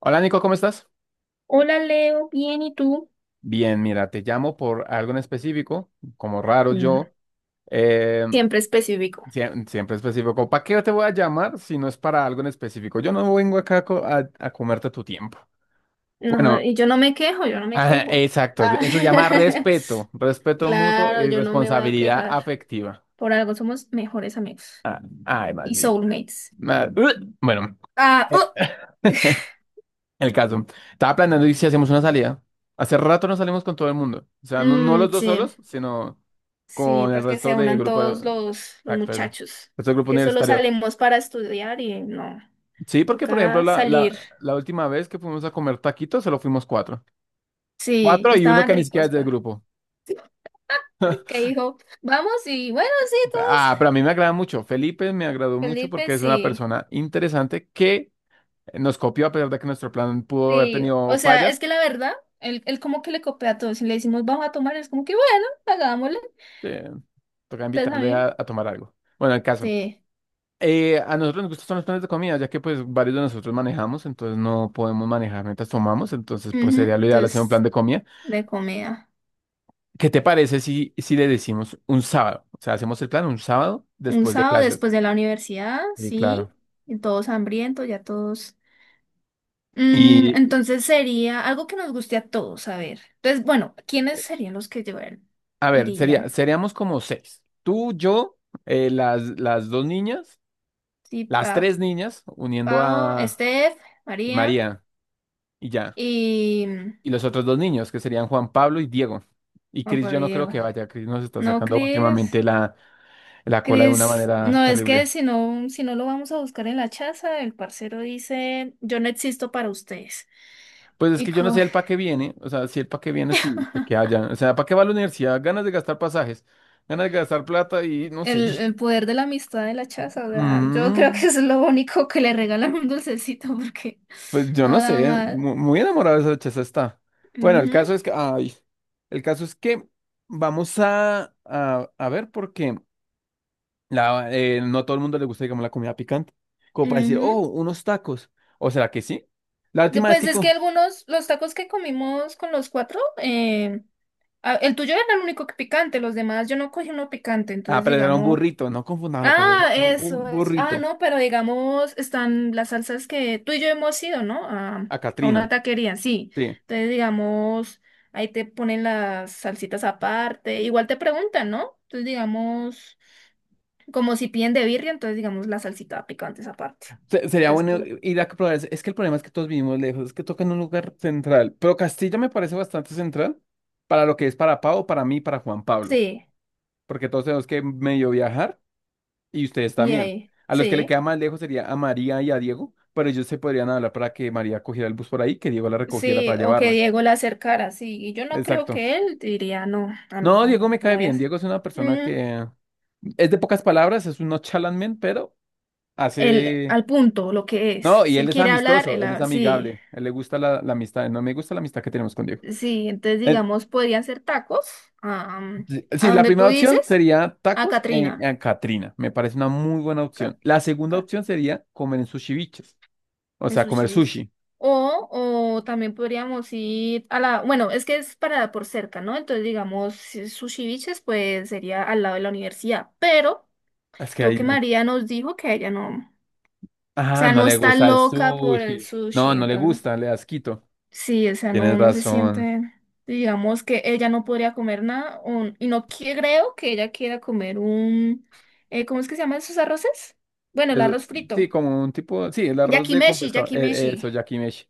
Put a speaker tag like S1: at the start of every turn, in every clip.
S1: Hola Nico, ¿cómo estás?
S2: Hola Leo, bien, ¿y tú?
S1: Bien, mira, te llamo por algo en específico, como raro
S2: Mm.
S1: yo, eh,
S2: Siempre específico.
S1: siempre específico. ¿Para qué te voy a llamar si no es para algo en específico? Yo no vengo acá a comerte tu tiempo.
S2: No,
S1: Bueno,
S2: y yo no me quejo, yo no me
S1: ajá,
S2: quejo.
S1: exacto,
S2: Ah,
S1: eso se llama respeto, respeto mutuo
S2: claro,
S1: y
S2: yo no me voy a
S1: responsabilidad
S2: quejar.
S1: afectiva.
S2: Por algo somos mejores amigos
S1: Ah, ay,
S2: y
S1: maldito.
S2: soulmates.
S1: Ma- Bueno,
S2: Ah, oh,
S1: el caso. Estaba planeando y si hacemos una salida. Hace rato no salimos con todo el mundo. O sea, no
S2: mm,
S1: los dos
S2: sí,
S1: solos, sino
S2: sí,
S1: con el
S2: para que se
S1: resto de
S2: unan
S1: grupo.
S2: todos los
S1: Exacto. El
S2: muchachos,
S1: resto del grupo
S2: que solo
S1: universitario.
S2: salimos para estudiar y no,
S1: Sí, porque por ejemplo,
S2: toca
S1: la,
S2: salir.
S1: la, la última vez que fuimos a comer taquitos, solo fuimos cuatro.
S2: Sí, y
S1: Cuatro y uno
S2: estaban
S1: que ni siquiera
S2: ricos,
S1: es del
S2: pa,
S1: grupo.
S2: que dijo, vamos y bueno, sí, todos
S1: Ah, pero a mí me agrada mucho. Felipe me agradó mucho porque es
S2: felices
S1: una
S2: y.
S1: persona interesante que nos copió a pesar de que nuestro plan pudo haber
S2: Sí,
S1: tenido
S2: o sea, es
S1: fallas.
S2: que la verdad, él como que le copia a todos. Si le decimos vamos a tomar, es como que bueno, hagámosle.
S1: Eh, Toca
S2: Entonces a
S1: invitarle
S2: mí,
S1: a tomar algo. Bueno, el caso.
S2: sí.
S1: A nosotros nos gustan los planes de comida, ya que pues varios de nosotros manejamos, entonces no podemos manejar mientras tomamos, entonces pues
S2: Ujú.
S1: sería lo ideal hacer un plan
S2: Entonces,
S1: de comida.
S2: de comida.
S1: ¿Qué te parece si le decimos un sábado? O sea, hacemos el plan un sábado
S2: Un
S1: después de
S2: sábado
S1: clases.
S2: después de la universidad,
S1: Sí,
S2: sí.
S1: claro.
S2: Y todos hambrientos, ya todos.
S1: Y
S2: Entonces sería algo que nos guste a todos, a ver. Entonces, bueno, ¿quiénes serían los que llevarían?
S1: a ver,
S2: Irían.
S1: seríamos como seis. Tú, yo, las dos niñas,
S2: Sí,
S1: las
S2: pa
S1: tres niñas, uniendo
S2: Pau,
S1: a
S2: Steph,
S1: y
S2: María
S1: María y ya.
S2: y.
S1: Y los otros dos niños, que serían Juan Pablo y Diego. Y
S2: No
S1: Cris,
S2: por
S1: yo
S2: ahí
S1: no creo
S2: Diego.
S1: que vaya, Cris nos está
S2: No,
S1: sacando
S2: Cris.
S1: últimamente la cola de una
S2: Cris,
S1: manera
S2: no es que
S1: terrible.
S2: si no lo vamos a buscar en la chaza, el parcero dice, yo no existo para ustedes.
S1: Pues es
S2: Y
S1: que yo no
S2: co-
S1: sé el pa' qué viene, o sea, si el pa' qué viene, sí, de que haya. O sea, ¿para qué va a la universidad? Ganas de gastar pasajes, ganas de gastar plata y no sé, yo...
S2: el,
S1: sé-
S2: el poder de la amistad de la chaza, o sea, yo creo
S1: Mm,
S2: que es lo único que le regalan un dulcecito porque
S1: pues yo
S2: no
S1: no
S2: da
S1: sé,
S2: mal.
S1: muy enamorada de esa chaza está. Bueno,
S2: Ujú,
S1: el caso es que vamos a ver porque no a todo el mundo le gusta, digamos, la comida picante. Como para decir, oh,
S2: ujú.
S1: unos tacos. ¿O será que sí? La última vez
S2: Pues
S1: que
S2: es que algunos, los tacos que comimos con los cuatro, el tuyo era el único que picante, los demás yo no cogí uno picante,
S1: Ah,
S2: entonces
S1: pero era un
S2: digamos.
S1: burrito, no confundamos la cosa,
S2: Ah,
S1: era un
S2: eso, es. Ah,
S1: burrito.
S2: no, pero digamos, están las salsas que tú y yo hemos ido, ¿no? A,
S1: A
S2: a
S1: Katrina,
S2: una taquería, sí.
S1: sí.
S2: Entonces, digamos, ahí te ponen las salsitas aparte. Igual te preguntan, ¿no? Entonces, digamos, como si piden de birria, entonces, digamos, la salsita picante es aparte.
S1: Sería
S2: Entonces,
S1: bueno
S2: pues,
S1: ir a probar. Es que el problema es que todos vivimos lejos, es que toca en un lugar central. Pero Castilla me parece bastante central para lo que es para Pau, para mí, para Juan Pablo.
S2: sí,
S1: Porque todos tenemos que medio viajar y ustedes
S2: y
S1: también.
S2: ahí,
S1: A los que le
S2: sí.
S1: queda más lejos sería a María y a Diego, pero ellos se podrían hablar para que María cogiera el bus por ahí, que Diego la recogiera
S2: Sí,
S1: para
S2: o que
S1: llevarla.
S2: Diego la acercara, sí. Y yo no creo
S1: Exacto.
S2: que él diría, no,
S1: No,
S2: amigo,
S1: Diego me
S2: no, no
S1: cae
S2: voy a
S1: bien.
S2: hacer.
S1: Diego es una persona que es de pocas palabras, es un no chalamen, pero hace.
S2: Al punto, lo que es.
S1: No, y
S2: Si
S1: él
S2: él
S1: es
S2: quiere hablar,
S1: amistoso, él es
S2: sí,
S1: amigable, él le gusta la amistad, no me gusta la amistad que tenemos con Diego.
S2: sí, entonces
S1: Eh,
S2: digamos, podrían ser tacos am,
S1: sí, sí,
S2: a
S1: la
S2: donde tú
S1: primera opción
S2: dices,
S1: sería
S2: a
S1: tacos en,
S2: Katrina
S1: en Catrina, me parece una muy buena
S2: Ca-
S1: opción. La segunda
S2: Ca-
S1: opción sería comer en sushi biches, o
S2: en
S1: sea,
S2: sus
S1: comer
S2: chivis.
S1: sushi.
S2: O, o también podríamos ir bueno, es que es para por cerca, ¿no? Entonces, digamos, si Sushi Biches, pues sería al lado de la universidad, pero
S1: Es que
S2: creo
S1: ahí
S2: que
S1: nunca...
S2: María nos dijo que ella no, o
S1: Ah,
S2: sea,
S1: no
S2: no
S1: le
S2: está
S1: gusta el
S2: loca por el
S1: sushi.
S2: sushi,
S1: No, no le
S2: entonces.
S1: gusta, le da asquito.
S2: Sí, o sea,
S1: Tienes
S2: no se
S1: razón.
S2: siente, digamos que ella no podría comer nada y no creo que ella quiera comer. ¿Cómo es que se llaman esos arroces? Bueno, el
S1: Eso-
S2: arroz frito.
S1: sí, como un tipo, sí, el arroz de con
S2: Yakimeshi,
S1: pescado,
S2: yakimeshi.
S1: eso, yakimeshi.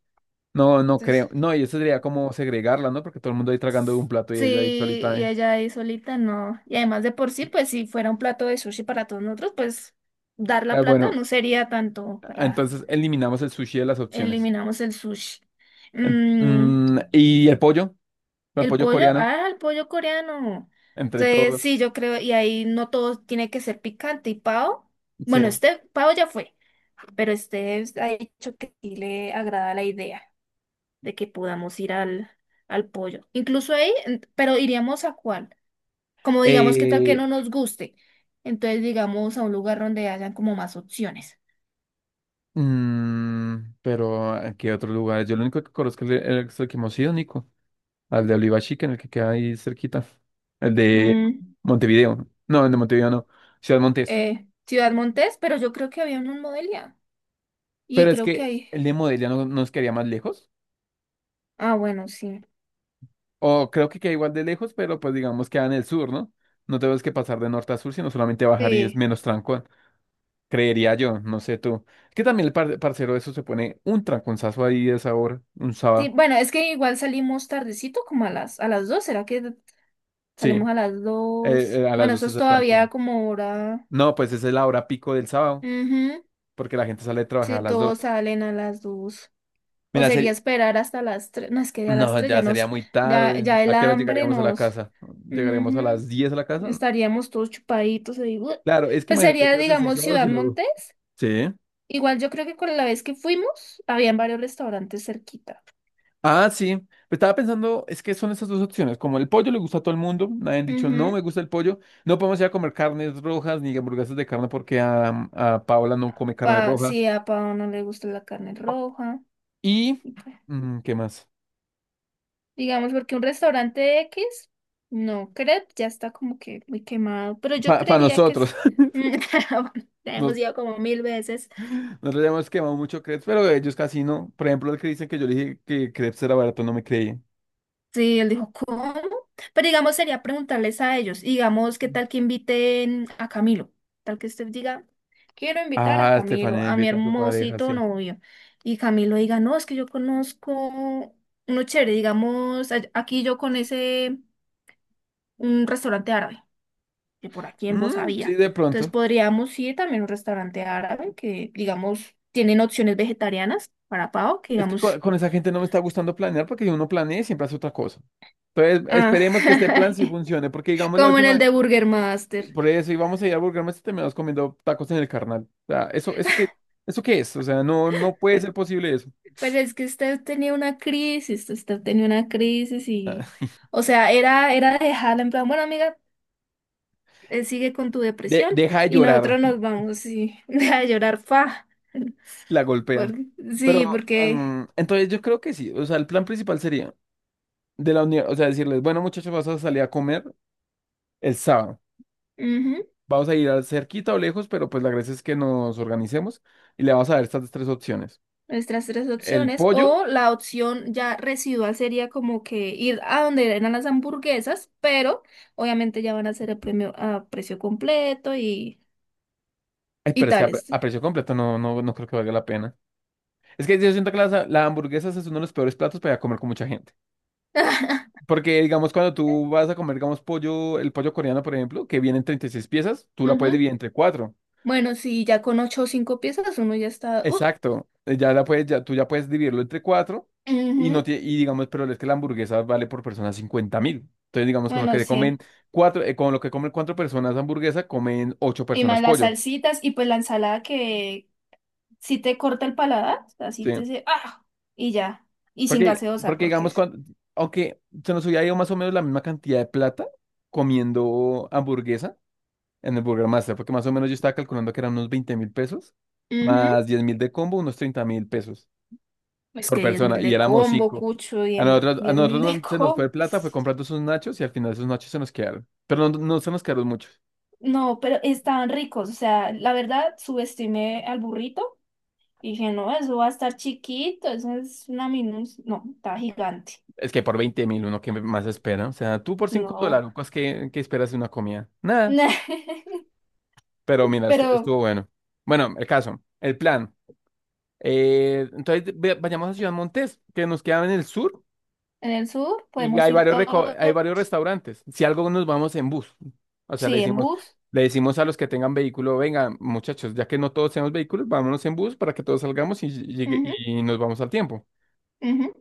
S1: No, no
S2: Entonces,
S1: creo. No, y eso sería como segregarla, ¿no? Porque todo el mundo ahí tragando de un plato y
S2: sí,
S1: ella ahí solita.
S2: y ella ahí solita, no. Y además de por sí, pues si fuera un plato de sushi para todos nosotros, pues dar la
S1: Ah,
S2: plata
S1: bueno,
S2: no sería tanto para
S1: entonces eliminamos el sushi de las opciones.
S2: eliminamos el sushi. Mm,
S1: Y el pollo,
S2: El pollo,
S1: coreano,
S2: ah, el pollo coreano.
S1: entre
S2: Entonces,
S1: todos.
S2: sí, yo creo, y ahí no todo tiene que ser picante. Y Pao,
S1: Sí.
S2: bueno, este Pao ya fue, pero este ha dicho que sí le agrada la idea de que podamos ir al pollo. Incluso ahí, pero iríamos a cuál. Como digamos, qué tal que
S1: Eh,
S2: no nos guste. Entonces, digamos, a un lugar donde hayan como más opciones.
S1: mm, pero ¿a qué otros lugares? Yo lo único que conozco es es el que hemos ido, Nico. Al de Oliva Chica, en el que queda ahí cerquita. El de
S2: Mm,
S1: Montevideo. No, el de Montevideo no. Ciudad Montes.
S2: Ciudad Montes, pero yo creo que había uno en Modelia. Y
S1: Pero es
S2: creo que
S1: que
S2: ahí.
S1: el de Modelia no nos quedaría más lejos.
S2: Ah, bueno, sí.
S1: O creo que queda igual de lejos, pero pues digamos queda en el sur, ¿no? No tenemos que pasar de norte a sur, sino solamente bajar y es
S2: Sí.
S1: menos tranco. Creería yo, no sé tú. Es que también el parcero de eso se pone un tranconzazo ahí de sabor, un
S2: Sí,
S1: sábado.
S2: bueno, es que igual salimos tardecito, como a las dos, ¿será que
S1: Sí,
S2: salimos a las dos?
S1: a las
S2: Bueno, eso
S1: dos es
S2: es
S1: el
S2: todavía
S1: trancón.
S2: como hora.
S1: No, pues esa es la hora pico del sábado,
S2: Ujú.
S1: porque la gente sale a trabajar
S2: Si
S1: a las dos.
S2: todos salen a las dos. O
S1: Mira,
S2: sería esperar hasta las tres. No, es que ya a las
S1: no,
S2: tres ya
S1: ya sería
S2: nos,
S1: muy
S2: ya,
S1: tarde.
S2: ya el
S1: ¿A qué hora
S2: hambre
S1: llegaríamos a la
S2: nos.
S1: casa? ¿Llegaríamos a
S2: Ujú.
S1: las 10 a la casa?
S2: Estaríamos todos chupaditos ahí. ¡Buah!
S1: Claro, es que
S2: Pues
S1: imagínate
S2: sería,
S1: clases 6
S2: digamos,
S1: sábados
S2: Ciudad
S1: y luego.
S2: Montes.
S1: Sí.
S2: Igual yo creo que con la vez que fuimos, habían varios restaurantes cerquita.
S1: Ah, sí. Pues estaba pensando, es que son esas dos opciones. Como el pollo le gusta a todo el mundo, nadie han dicho, no
S2: Ujú.
S1: me gusta el pollo. No podemos ir a comer carnes rojas ni hamburguesas de carne porque a Paola no come carne
S2: Pa,
S1: roja.
S2: si a Pao no le gusta la carne roja.
S1: Y, ¿Qué más?
S2: Digamos, porque un restaurante X, no, crepe ya está como que muy quemado, pero yo
S1: Para
S2: creería que sí.
S1: nosotros,
S2: Bueno, ya hemos
S1: nos-
S2: ido como mil veces.
S1: nosotros ya hemos quemado mucho crepes, pero ellos casi no. Por ejemplo, el que dicen que yo le dije que crepes era barato, no me creían.
S2: Sí, él dijo, ¿cómo? Pero digamos, sería preguntarles a ellos, y digamos, ¿qué tal que inviten a Camilo? Tal que usted diga, quiero invitar a
S1: Ah,
S2: Camilo,
S1: Estefanía
S2: a mi
S1: invita a su pareja,
S2: hermosito
S1: sí.
S2: novio. Y Camilo diga, no, es que yo conozco uno chévere, digamos, aquí yo con ese, un restaurante árabe. Que por aquí en Voz
S1: Mm, sí,
S2: había.
S1: de
S2: Entonces
S1: pronto.
S2: podríamos ir también a un restaurante árabe que, digamos, tienen opciones vegetarianas para pavo, que
S1: Es que con,
S2: digamos,
S1: con esa gente no me está gustando planear porque si uno planea y siempre hace otra cosa. Entonces,
S2: ah,
S1: esperemos que este plan sí funcione, porque digamos la
S2: como en el
S1: última,
S2: de Burger Master.
S1: por eso íbamos a ir a Burger Master y terminamos comiendo tacos en el carnal. O sea, eso qué es, o sea, no puede ser posible eso.
S2: Pero es que usted tenía una crisis, usted tenía una crisis y, o sea, era dejarla en plan, bueno, amiga, sigue con tu
S1: De-
S2: depresión
S1: deja de
S2: y
S1: llorar,
S2: nosotros nos vamos y, a llorar, fa.
S1: la golpean.
S2: por- sí,
S1: Pero,
S2: porque.
S1: entonces yo creo que sí, o sea, el plan principal sería de la unión, o sea, decirles, bueno, muchachos, vas a salir a comer el sábado.
S2: Ujú.
S1: Vamos a ir al cerquita o lejos, pero pues la gracia es que nos organicemos y le vamos a dar estas tres opciones.
S2: Nuestras tres
S1: El
S2: opciones.
S1: pollo,
S2: O la opción ya residual sería como que ir a donde eran las hamburguesas, pero obviamente ya van a ser el premio a precio completo y,
S1: ay,
S2: y
S1: pero es que a, pre-
S2: tales.
S1: a precio completo no creo que valga la pena. Es que yo siento que la hamburguesa es uno de los peores platos para comer con mucha gente. Porque, digamos, cuando tú vas a comer, digamos, pollo, el pollo coreano, por ejemplo, que viene en 36 piezas, tú la puedes
S2: Ujú.
S1: dividir entre cuatro.
S2: Bueno, sí, ya con ocho o cinco piezas uno ya está.
S1: Exacto. Ya la puedes, ya, tú ya puedes dividirlo entre cuatro y no
S2: Ujú.
S1: tie- y digamos, pero es que la hamburguesa vale por persona 50.000. Entonces, digamos,
S2: Bueno, sí.
S1: con lo que comen cuatro personas hamburguesa, comen ocho
S2: Y
S1: personas
S2: más las
S1: pollo.
S2: salsitas y pues la ensalada que si te corta el paladar, así
S1: Sí.
S2: te dice, ah, y ya. Y sin
S1: Porque,
S2: gaseosa,
S1: porque
S2: porque.
S1: digamos, cuando, aunque se nos hubiera ido más o menos la misma cantidad de plata comiendo hamburguesa en el Burger Master, porque más o menos yo estaba calculando que eran unos 20.000 pesos,
S2: Ujú.
S1: más 10.000 de combo, unos 30.000 pesos
S2: Es que
S1: por
S2: 10.000
S1: persona,
S2: de
S1: y éramos
S2: combo,
S1: cinco.
S2: cucho,
S1: A nosotros,
S2: diez mil de
S1: no se nos
S2: combo.
S1: fue plata, fue comprando esos nachos y al final esos nachos se nos quedaron. Pero no, no se nos quedaron muchos.
S2: No, pero estaban ricos. O sea, la verdad, subestimé al burrito y dije, no, eso va a estar chiquito, eso es una minus. No, está gigante.
S1: Es que por 20.000 uno que más espera. O sea, tú por 5
S2: No.
S1: dólares, ¿qué esperas de una comida? Nada. Pero mira, esto,
S2: Pero
S1: estuvo bueno. Bueno, el caso, el plan. Entonces vayamos a Ciudad Montes, que nos queda en el sur
S2: en el sur
S1: y
S2: podemos
S1: hay
S2: ir todos,
S1: varios restaurantes. Si algo nos vamos en bus, o sea,
S2: sí, en bus.
S1: le decimos a los que tengan vehículo, venga, muchachos, ya que no todos tenemos vehículos, vámonos en bus para que todos salgamos
S2: Ujú,
S1: y nos vamos al tiempo.
S2: ujú.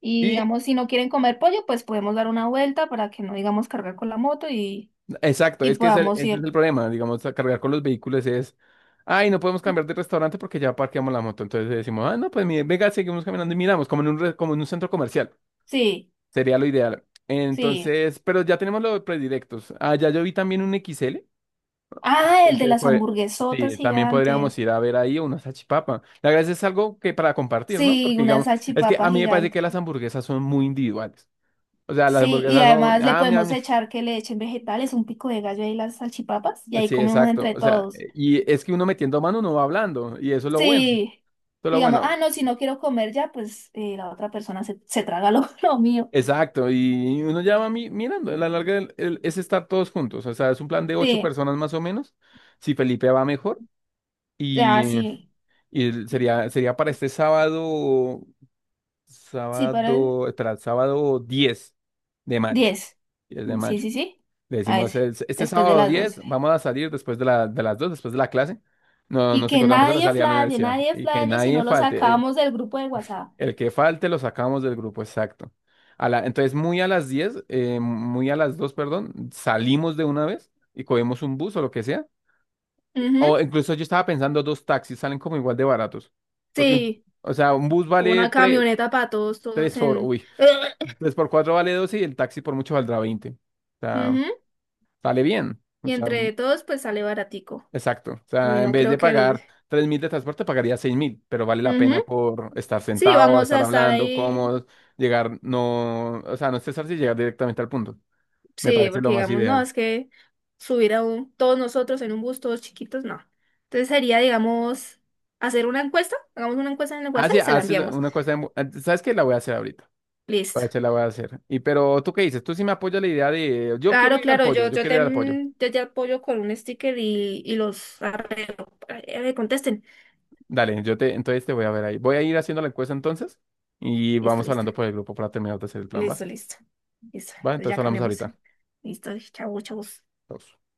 S2: Y
S1: Y
S2: digamos, si no quieren comer pollo, pues podemos dar una vuelta para que no digamos cargar con la moto y,
S1: exacto,
S2: y
S1: es que ese,
S2: podamos
S1: ese es
S2: ir.
S1: el problema, digamos, a cargar con los vehículos es, ay, no podemos cambiar de restaurante porque ya parqueamos la moto. Entonces decimos, ah, no, pues mire, venga, seguimos caminando y miramos, como en un centro comercial.
S2: Sí,
S1: Sería lo ideal.
S2: sí.
S1: Entonces, pero ya tenemos los predilectos. Ah, ya yo vi también un XL.
S2: Ah, el de
S1: Entonces,
S2: las
S1: pues,
S2: hamburguesotas
S1: sí, también podríamos
S2: gigantes.
S1: ir a ver ahí una salchipapa. La verdad es algo que para compartir, ¿no?
S2: Sí,
S1: Porque,
S2: una
S1: digamos, es que
S2: salchipapa
S1: a mí me parece que
S2: gigante.
S1: las hamburguesas son muy individuales. O sea, las
S2: Sí, y
S1: hamburguesas son,
S2: además le
S1: ah, mia,
S2: podemos
S1: mia.
S2: echar que le echen vegetales, un pico de gallo y las salchipapas, y ahí
S1: Sí,
S2: comemos
S1: exacto.
S2: entre
S1: O sea,
S2: todos.
S1: y es que uno metiendo mano uno va hablando, y eso es lo bueno.
S2: Sí,
S1: Eso es lo
S2: digamos,
S1: bueno.
S2: ah, no, si no quiero comer ya, pues la otra persona se traga lo, lo mío.
S1: Exacto, y uno ya va mirando. A la larga es estar todos juntos. O sea, es un plan de ocho
S2: Sí,
S1: personas más o menos. Si Felipe va mejor.
S2: ah,
S1: Y,
S2: sí.
S1: y
S2: Y-
S1: sería para este sábado,
S2: Sí, para el
S1: sábado, espera, el sábado 10 de mayo.
S2: 10.
S1: 10 de
S2: Sí,
S1: mayo.
S2: sí, sí.
S1: Le
S2: A
S1: decimos,
S2: ese,
S1: este
S2: después de
S1: sábado
S2: las 12.
S1: 10 vamos a salir después de las 2 después de la clase. No,
S2: Y
S1: nos
S2: que
S1: encontramos en la
S2: nadie
S1: salida de la
S2: flaye,
S1: universidad.
S2: nadie
S1: Y que
S2: flaye si
S1: nadie
S2: no lo
S1: falte.
S2: sacamos del grupo de WhatsApp.
S1: El que falte lo sacamos del grupo, exacto. Entonces, muy a las 10 muy a las 2 perdón, salimos de una vez y cogemos un bus o lo que sea.
S2: Ujú.
S1: O incluso yo estaba pensando, dos taxis salen como igual de baratos. Porque,
S2: Sí.
S1: o sea, un bus vale
S2: Una
S1: tres.
S2: camioneta para todos, todos
S1: tres por,
S2: en.
S1: uy, 3 por 4 vale 12 y el taxi por mucho valdrá 20. O sea,
S2: Ujú.
S1: sale bien. O
S2: Y
S1: sea,
S2: entre todos, pues sale baratico.
S1: exacto. O
S2: Ay,
S1: sea, en
S2: no
S1: vez
S2: creo
S1: de
S2: que... nos-
S1: pagar 3.000 de transporte, pagaría 6.000, pero vale la
S2: Ujú.
S1: pena por estar
S2: Sí,
S1: sentado,
S2: vamos
S1: estar
S2: a estar
S1: hablando,
S2: ahí.
S1: cómodo, llegar, no, o sea, no estresarse y llegar directamente al punto. Me
S2: Sí,
S1: parece
S2: porque
S1: lo más
S2: digamos, no,
S1: ideal.
S2: es que subir a todos nosotros en un bus, todos chiquitos, no. Entonces sería, digamos, hacer una encuesta. Hagamos una encuesta en el
S1: Ah,
S2: WhatsApp
S1: sí,
S2: y se la
S1: haces
S2: enviamos.
S1: una cosa, ¿sabes qué? La voy a hacer ahorita.
S2: Listo.
S1: Pache, la voy a hacer. Y pero, ¿tú qué dices? Tú sí me apoyas la idea de, yo quiero
S2: Claro,
S1: ir al
S2: claro,
S1: pollo, yo quiero ir al pollo.
S2: yo te apoyo con un sticker y los arreglo. Contesten.
S1: Dale, entonces te voy a ver ahí. Voy a ir haciendo la encuesta entonces y
S2: Listo,
S1: vamos
S2: listo.
S1: hablando por el grupo para terminar de hacer el plan, ¿va?
S2: Listo, listo. Listo.
S1: Va,
S2: Entonces
S1: entonces
S2: ya
S1: hablamos
S2: cambiamos.
S1: ahorita.
S2: Listo, chau, chau.
S1: Chao.